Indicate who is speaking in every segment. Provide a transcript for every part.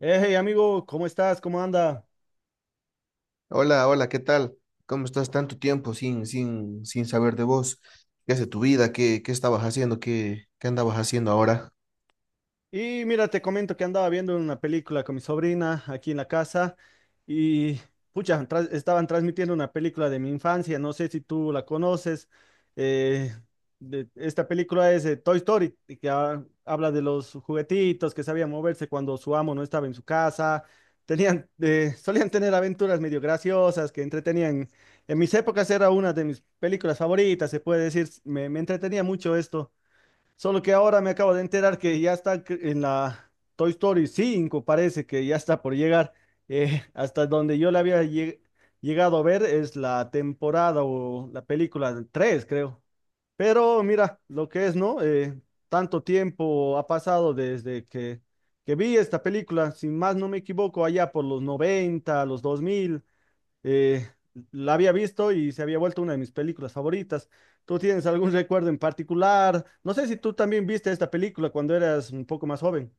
Speaker 1: Hey amigo, ¿cómo estás? ¿Cómo anda?
Speaker 2: Hola, hola, ¿qué tal? ¿Cómo estás tanto tiempo sin saber de vos? ¿Qué hace tu vida? ¿Qué estabas haciendo? ¿Qué andabas haciendo ahora?
Speaker 1: Y mira, te comento que andaba viendo una película con mi sobrina aquí en la casa y pucha, estaban transmitiendo una película de mi infancia, no sé si tú la conoces. eh, Esta película es Toy Story, y que habla de los juguetitos que sabían moverse cuando su amo no estaba en su casa. Tenían, solían tener aventuras medio graciosas que entretenían. En mis épocas era una de mis películas favoritas, se puede decir, me entretenía mucho esto. Solo que ahora me acabo de enterar que ya está en la Toy Story 5 parece que ya está por llegar. Hasta donde yo la había llegado a ver es la temporada o la película 3 creo. Pero mira, lo que es, ¿no? Tanto tiempo ha pasado que vi esta película, si más no me equivoco, allá por los 90 los 2000 eh, la había visto y se había vuelto una de mis películas favoritas. ¿Tú tienes algún recuerdo en particular? No sé si tú también viste esta película cuando eras un poco más joven.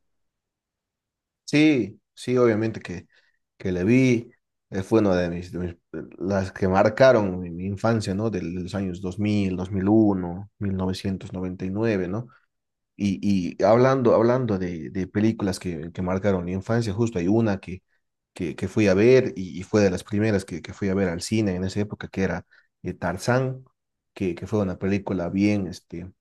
Speaker 2: Sí, sí, obviamente que le vi. Fue una las que marcaron mi infancia, ¿no? De los años dos mil, mil uno, 1999, ¿no? Y hablando de películas que marcaron mi infancia, justo hay una que fui a ver y fue de las primeras que fui a ver al cine en esa época, que era Tarzán, que fue una película bien,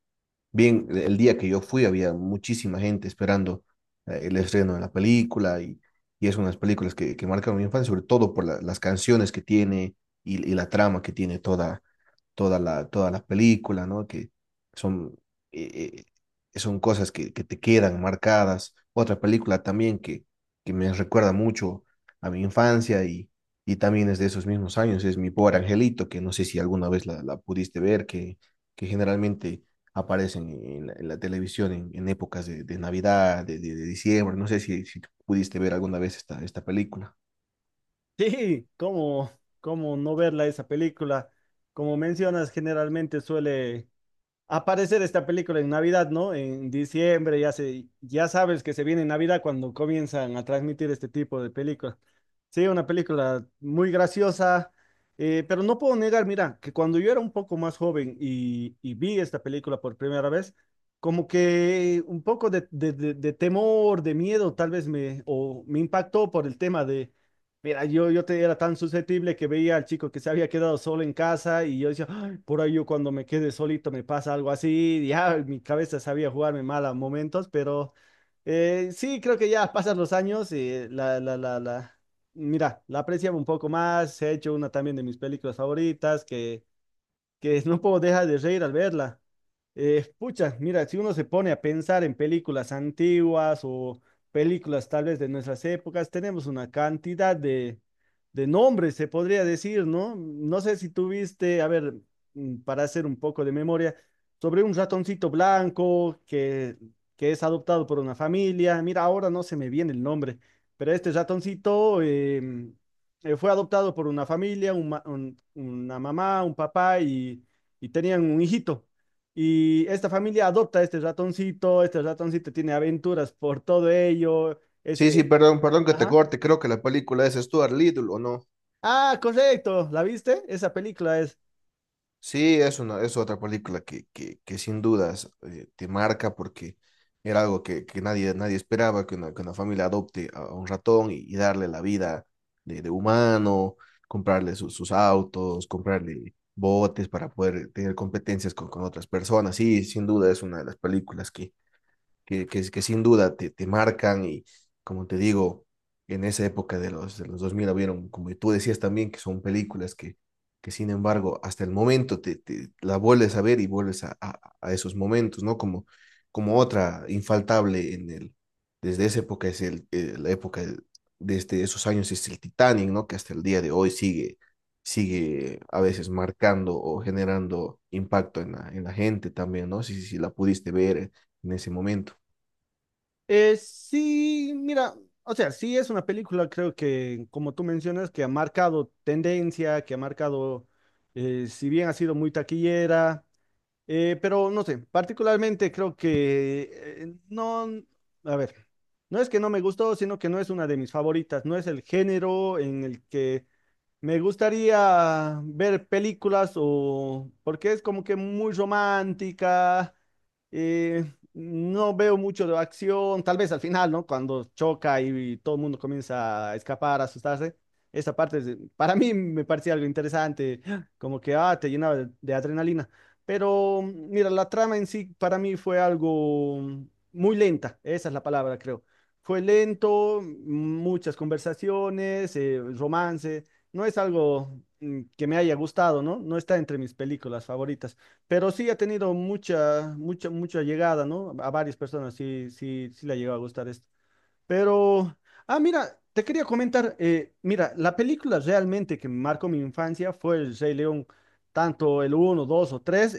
Speaker 2: bien, el día que yo fui había muchísima gente esperando el estreno de la película y es una de las películas que marcaron mi infancia, sobre todo por las canciones que tiene y la trama que tiene todas las películas, ¿no? Que son, eh, son cosas que te quedan marcadas. Otra película también que me recuerda mucho a mi infancia y también es de esos mismos años, es Mi Pobre Angelito, que no sé si alguna vez la pudiste ver, que generalmente aparecen en la televisión en épocas de Navidad, de diciembre, no sé si pudiste ver alguna vez esta película.
Speaker 1: Sí, ¿cómo no verla esa película? Como mencionas, generalmente suele aparecer esta película en Navidad, ¿no? En diciembre, ya sabes que se viene Navidad cuando comienzan a transmitir este tipo de películas. Sí, una película muy graciosa, pero no puedo negar, mira, que cuando yo era un poco más joven y vi esta película por primera vez, como que un poco de temor, de miedo, tal vez o me impactó por el tema de, mira, era tan susceptible que veía al chico que se había quedado solo en casa y yo decía, por ahí yo cuando me quedé solito me pasa algo así, ya mi cabeza sabía jugarme mal a momentos, pero sí, creo que ya pasan los años y mira, la apreciaba un poco más, he hecho una también de mis películas favoritas que no puedo dejar de reír al verla. Pucha, mira, si uno se pone a pensar en películas antiguas o películas tal vez de nuestras épocas, tenemos una cantidad de nombres, se podría decir, ¿no? No sé si tuviste, a ver, para hacer un poco de memoria, sobre un ratoncito blanco que es adoptado por una familia. Mira, ahora no se me viene el nombre, pero este ratoncito, fue adoptado por una familia, una mamá, un papá y tenían un hijito. Y esta familia adopta a este ratoncito tiene aventuras por todo ello.
Speaker 2: Sí,
Speaker 1: Ese,
Speaker 2: sí, perdón, perdón que te
Speaker 1: ajá.
Speaker 2: corte, creo que la película es Stuart Little, ¿o no?
Speaker 1: Ah, correcto, ¿la viste? Esa película es.
Speaker 2: Sí, es otra película que sin dudas te marca porque era algo que nadie esperaba, que una familia adopte a un ratón y darle la vida de humano, comprarle sus autos, comprarle botes para poder tener competencias con otras personas. Sí, sin duda es una de las películas que sin duda te marcan y como te digo, en esa época de los 2000 habieron, como tú decías también, que son películas que sin embargo hasta el momento te la vuelves a ver y vuelves a esos momentos, ¿no? Como otra infaltable desde esa época es la época desde esos años es el Titanic, ¿no? Que hasta el día de hoy sigue a veces marcando o generando impacto en la gente también, ¿no? Si la pudiste ver en ese momento.
Speaker 1: Sí, mira, o sea, sí es una película, creo que, como tú mencionas, que ha marcado tendencia, que ha marcado, si bien ha sido muy taquillera. Pero no sé, particularmente creo que no, a ver, no es que no me gustó, sino que no es una de mis favoritas, no es el género en el que me gustaría ver películas o porque es como que muy romántica. eh, no veo mucho de acción, tal vez al final, ¿no? Cuando choca y, todo el mundo comienza a escapar, a asustarse. Esa parte para mí me parecía algo interesante, como que ah, te llenaba de adrenalina. Pero mira, la trama en sí para mí fue algo muy lenta, esa es la palabra, creo. Fue lento, muchas conversaciones, romance. No es algo que me haya gustado, ¿no? No está entre mis películas favoritas, pero sí ha tenido mucha llegada, ¿no? A varias personas sí le ha llegado a gustar esto. Pero, ah, mira, te quería comentar, mira, la película realmente que marcó mi infancia fue El Rey León, tanto el uno 2 o 3,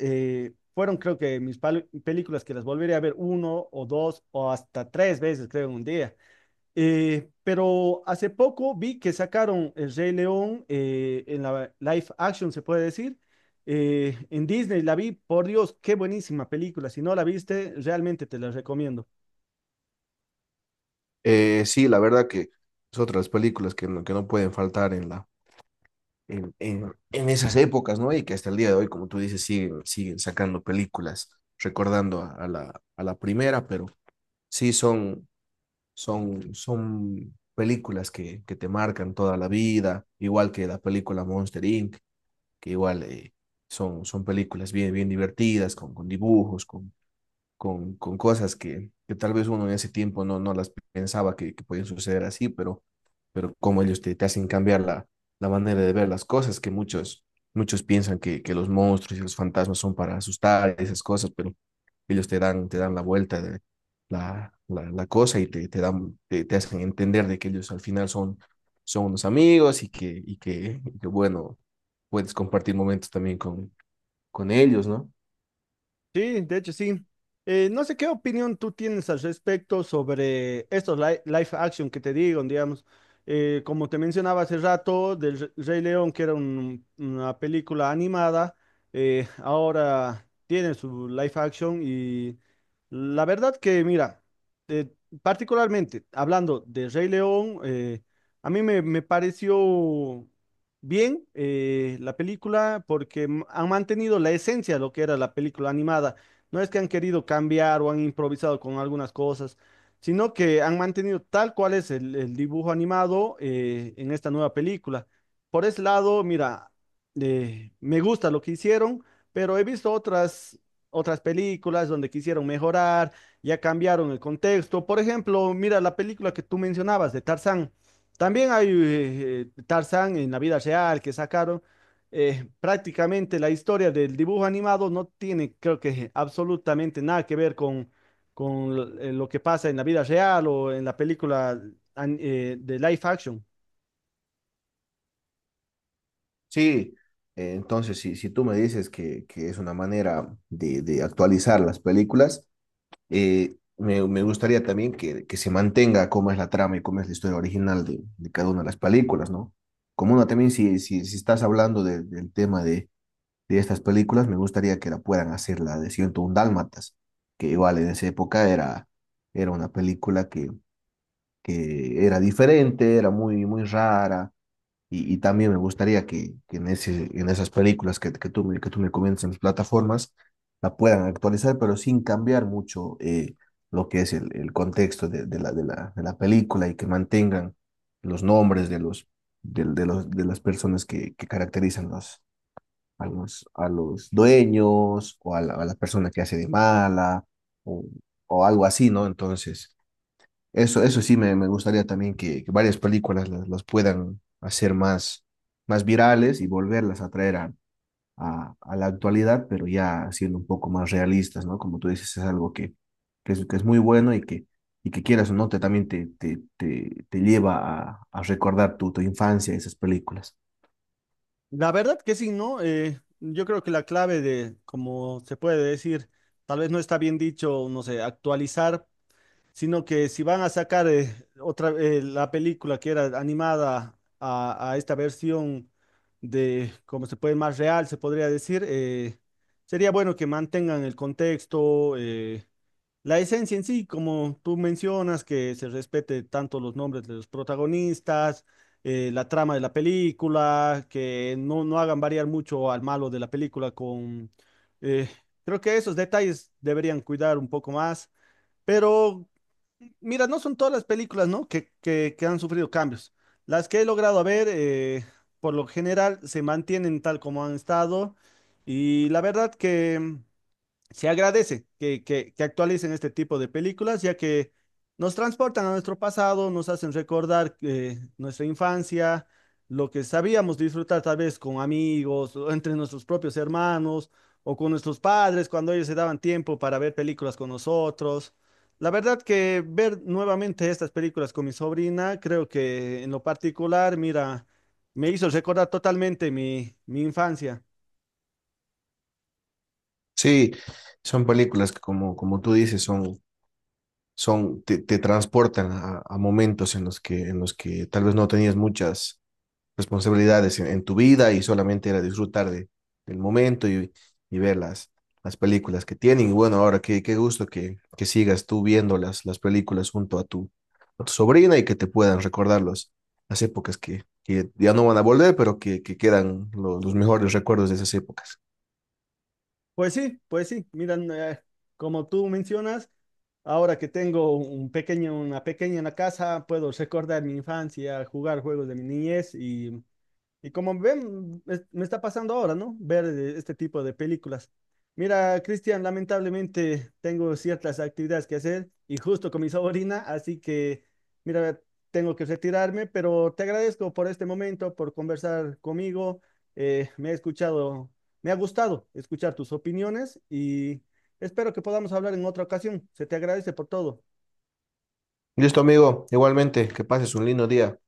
Speaker 1: fueron creo que mis películas que las volveré a ver uno o dos o hasta tres veces, creo, en un día. Pero hace poco vi que sacaron El Rey León en la live action, se puede decir, en Disney. La vi, por Dios, qué buenísima película. Si no la viste, realmente te la recomiendo.
Speaker 2: Sí, la verdad que es otra de las películas que no pueden faltar en la, en esas épocas, ¿no? Y que hasta el día de hoy, como tú dices, siguen sacando películas, recordando a la primera, pero sí son películas que te marcan toda la vida, igual que la película Monster Inc., que igual son, películas bien, bien divertidas, con dibujos, con cosas que tal vez uno en ese tiempo no, no las pensaba que podían suceder así, pero como ellos te hacen cambiar la manera de ver las cosas, que muchos, muchos piensan que los monstruos y los fantasmas son para asustar y esas cosas, pero ellos te dan la vuelta de la cosa y te hacen entender de que ellos al final son, son unos amigos y bueno, puedes compartir momentos también con ellos, ¿no?
Speaker 1: Sí, de hecho sí. No sé qué opinión tú tienes al respecto sobre estos live action que te digo, digamos. Como te mencionaba hace rato, del Rey León, que era una película animada, ahora tiene su live action y la verdad que, mira, eh, particularmente hablando de Rey León, a mí me pareció bien la película porque han mantenido la esencia de lo que era la película animada. No es que han querido cambiar o han improvisado con algunas cosas, sino que han mantenido tal cual es el dibujo animado en esta nueva película. Por ese lado, mira, me gusta lo que hicieron, pero he visto otras, otras películas donde quisieron mejorar, ya cambiaron el contexto. Por ejemplo, mira la película que tú mencionabas de Tarzán. También hay Tarzán en la vida real que sacaron. Prácticamente la historia del dibujo animado no tiene, creo que, absolutamente nada que ver con lo que pasa en la vida real o en la película de live action.
Speaker 2: Sí, entonces si tú me dices que es una manera de actualizar las películas, me gustaría también que se mantenga cómo es la trama y cómo es la historia original de cada una de las películas, ¿no? Como una también, si estás hablando del tema de estas películas, me gustaría que la puedan hacer la de 101 Dálmatas, que igual en esa época era, era una película que era diferente, era muy, muy rara y también me gustaría que en esas películas que que tú me comentas en las plataformas, la puedan actualizar, pero sin cambiar mucho lo que es el contexto de la película y que mantengan los nombres de los, del- de, los, de las personas que caracterizan a los dueños o a la persona que hace de mala o, o algo así, ¿no? Entonces... Eso sí me gustaría también que varias películas las puedan hacer más, más virales y volverlas a traer a la actualidad, pero ya siendo un poco más realistas, ¿no? Como tú dices, es algo que es muy bueno y y que quieras o no, también te lleva a recordar tu infancia, esas películas.
Speaker 1: La verdad que sí, ¿no? Yo creo que la clave de, como se puede decir, tal vez no está bien dicho, no sé, actualizar sino que si van a sacar otra la película que era animada a esta versión de, como se puede, más real, se podría decir, sería bueno que mantengan el contexto, la esencia en sí, como tú mencionas, que se respete tanto los nombres de los protagonistas, la trama de la película, que no, no hagan variar mucho al malo de la película con... eh, creo que esos detalles deberían cuidar un poco más. Pero mira, no son todas las películas, ¿no? Que han sufrido cambios. Las que he logrado ver, por lo general, se mantienen tal como han estado. Y la verdad que se agradece que actualicen este tipo de películas, ya que nos transportan a nuestro pasado, nos hacen recordar nuestra infancia, lo que sabíamos disfrutar tal vez con amigos, o entre nuestros propios hermanos o con nuestros padres cuando ellos se daban tiempo para ver películas con nosotros. La verdad que ver nuevamente estas películas con mi sobrina, creo que en lo particular, mira, me hizo recordar totalmente mi infancia.
Speaker 2: Sí, son películas que como tú dices, te transportan a momentos en los que tal vez no tenías muchas responsabilidades en tu vida y solamente era disfrutar de, del momento y ver las películas que tienen. Y bueno, ahora qué gusto que sigas tú viendo las películas junto a tu sobrina y que te puedan recordar las épocas que ya no van a volver, pero que quedan los mejores recuerdos de esas épocas.
Speaker 1: Pues sí, miran, como tú mencionas, ahora que tengo un pequeño, una pequeña en la casa, puedo recordar mi infancia, jugar juegos de mi niñez y. Y como ven, me está pasando ahora, ¿no? Ver este tipo de películas. Mira, Cristian, lamentablemente tengo ciertas actividades que hacer y justo con mi sobrina, así que, mira, tengo que retirarme, pero te agradezco por este momento, por conversar conmigo. Me he escuchado, me ha gustado escuchar tus opiniones y espero que podamos hablar en otra ocasión. Se te agradece por todo.
Speaker 2: Listo, amigo. Igualmente, que pases un lindo día.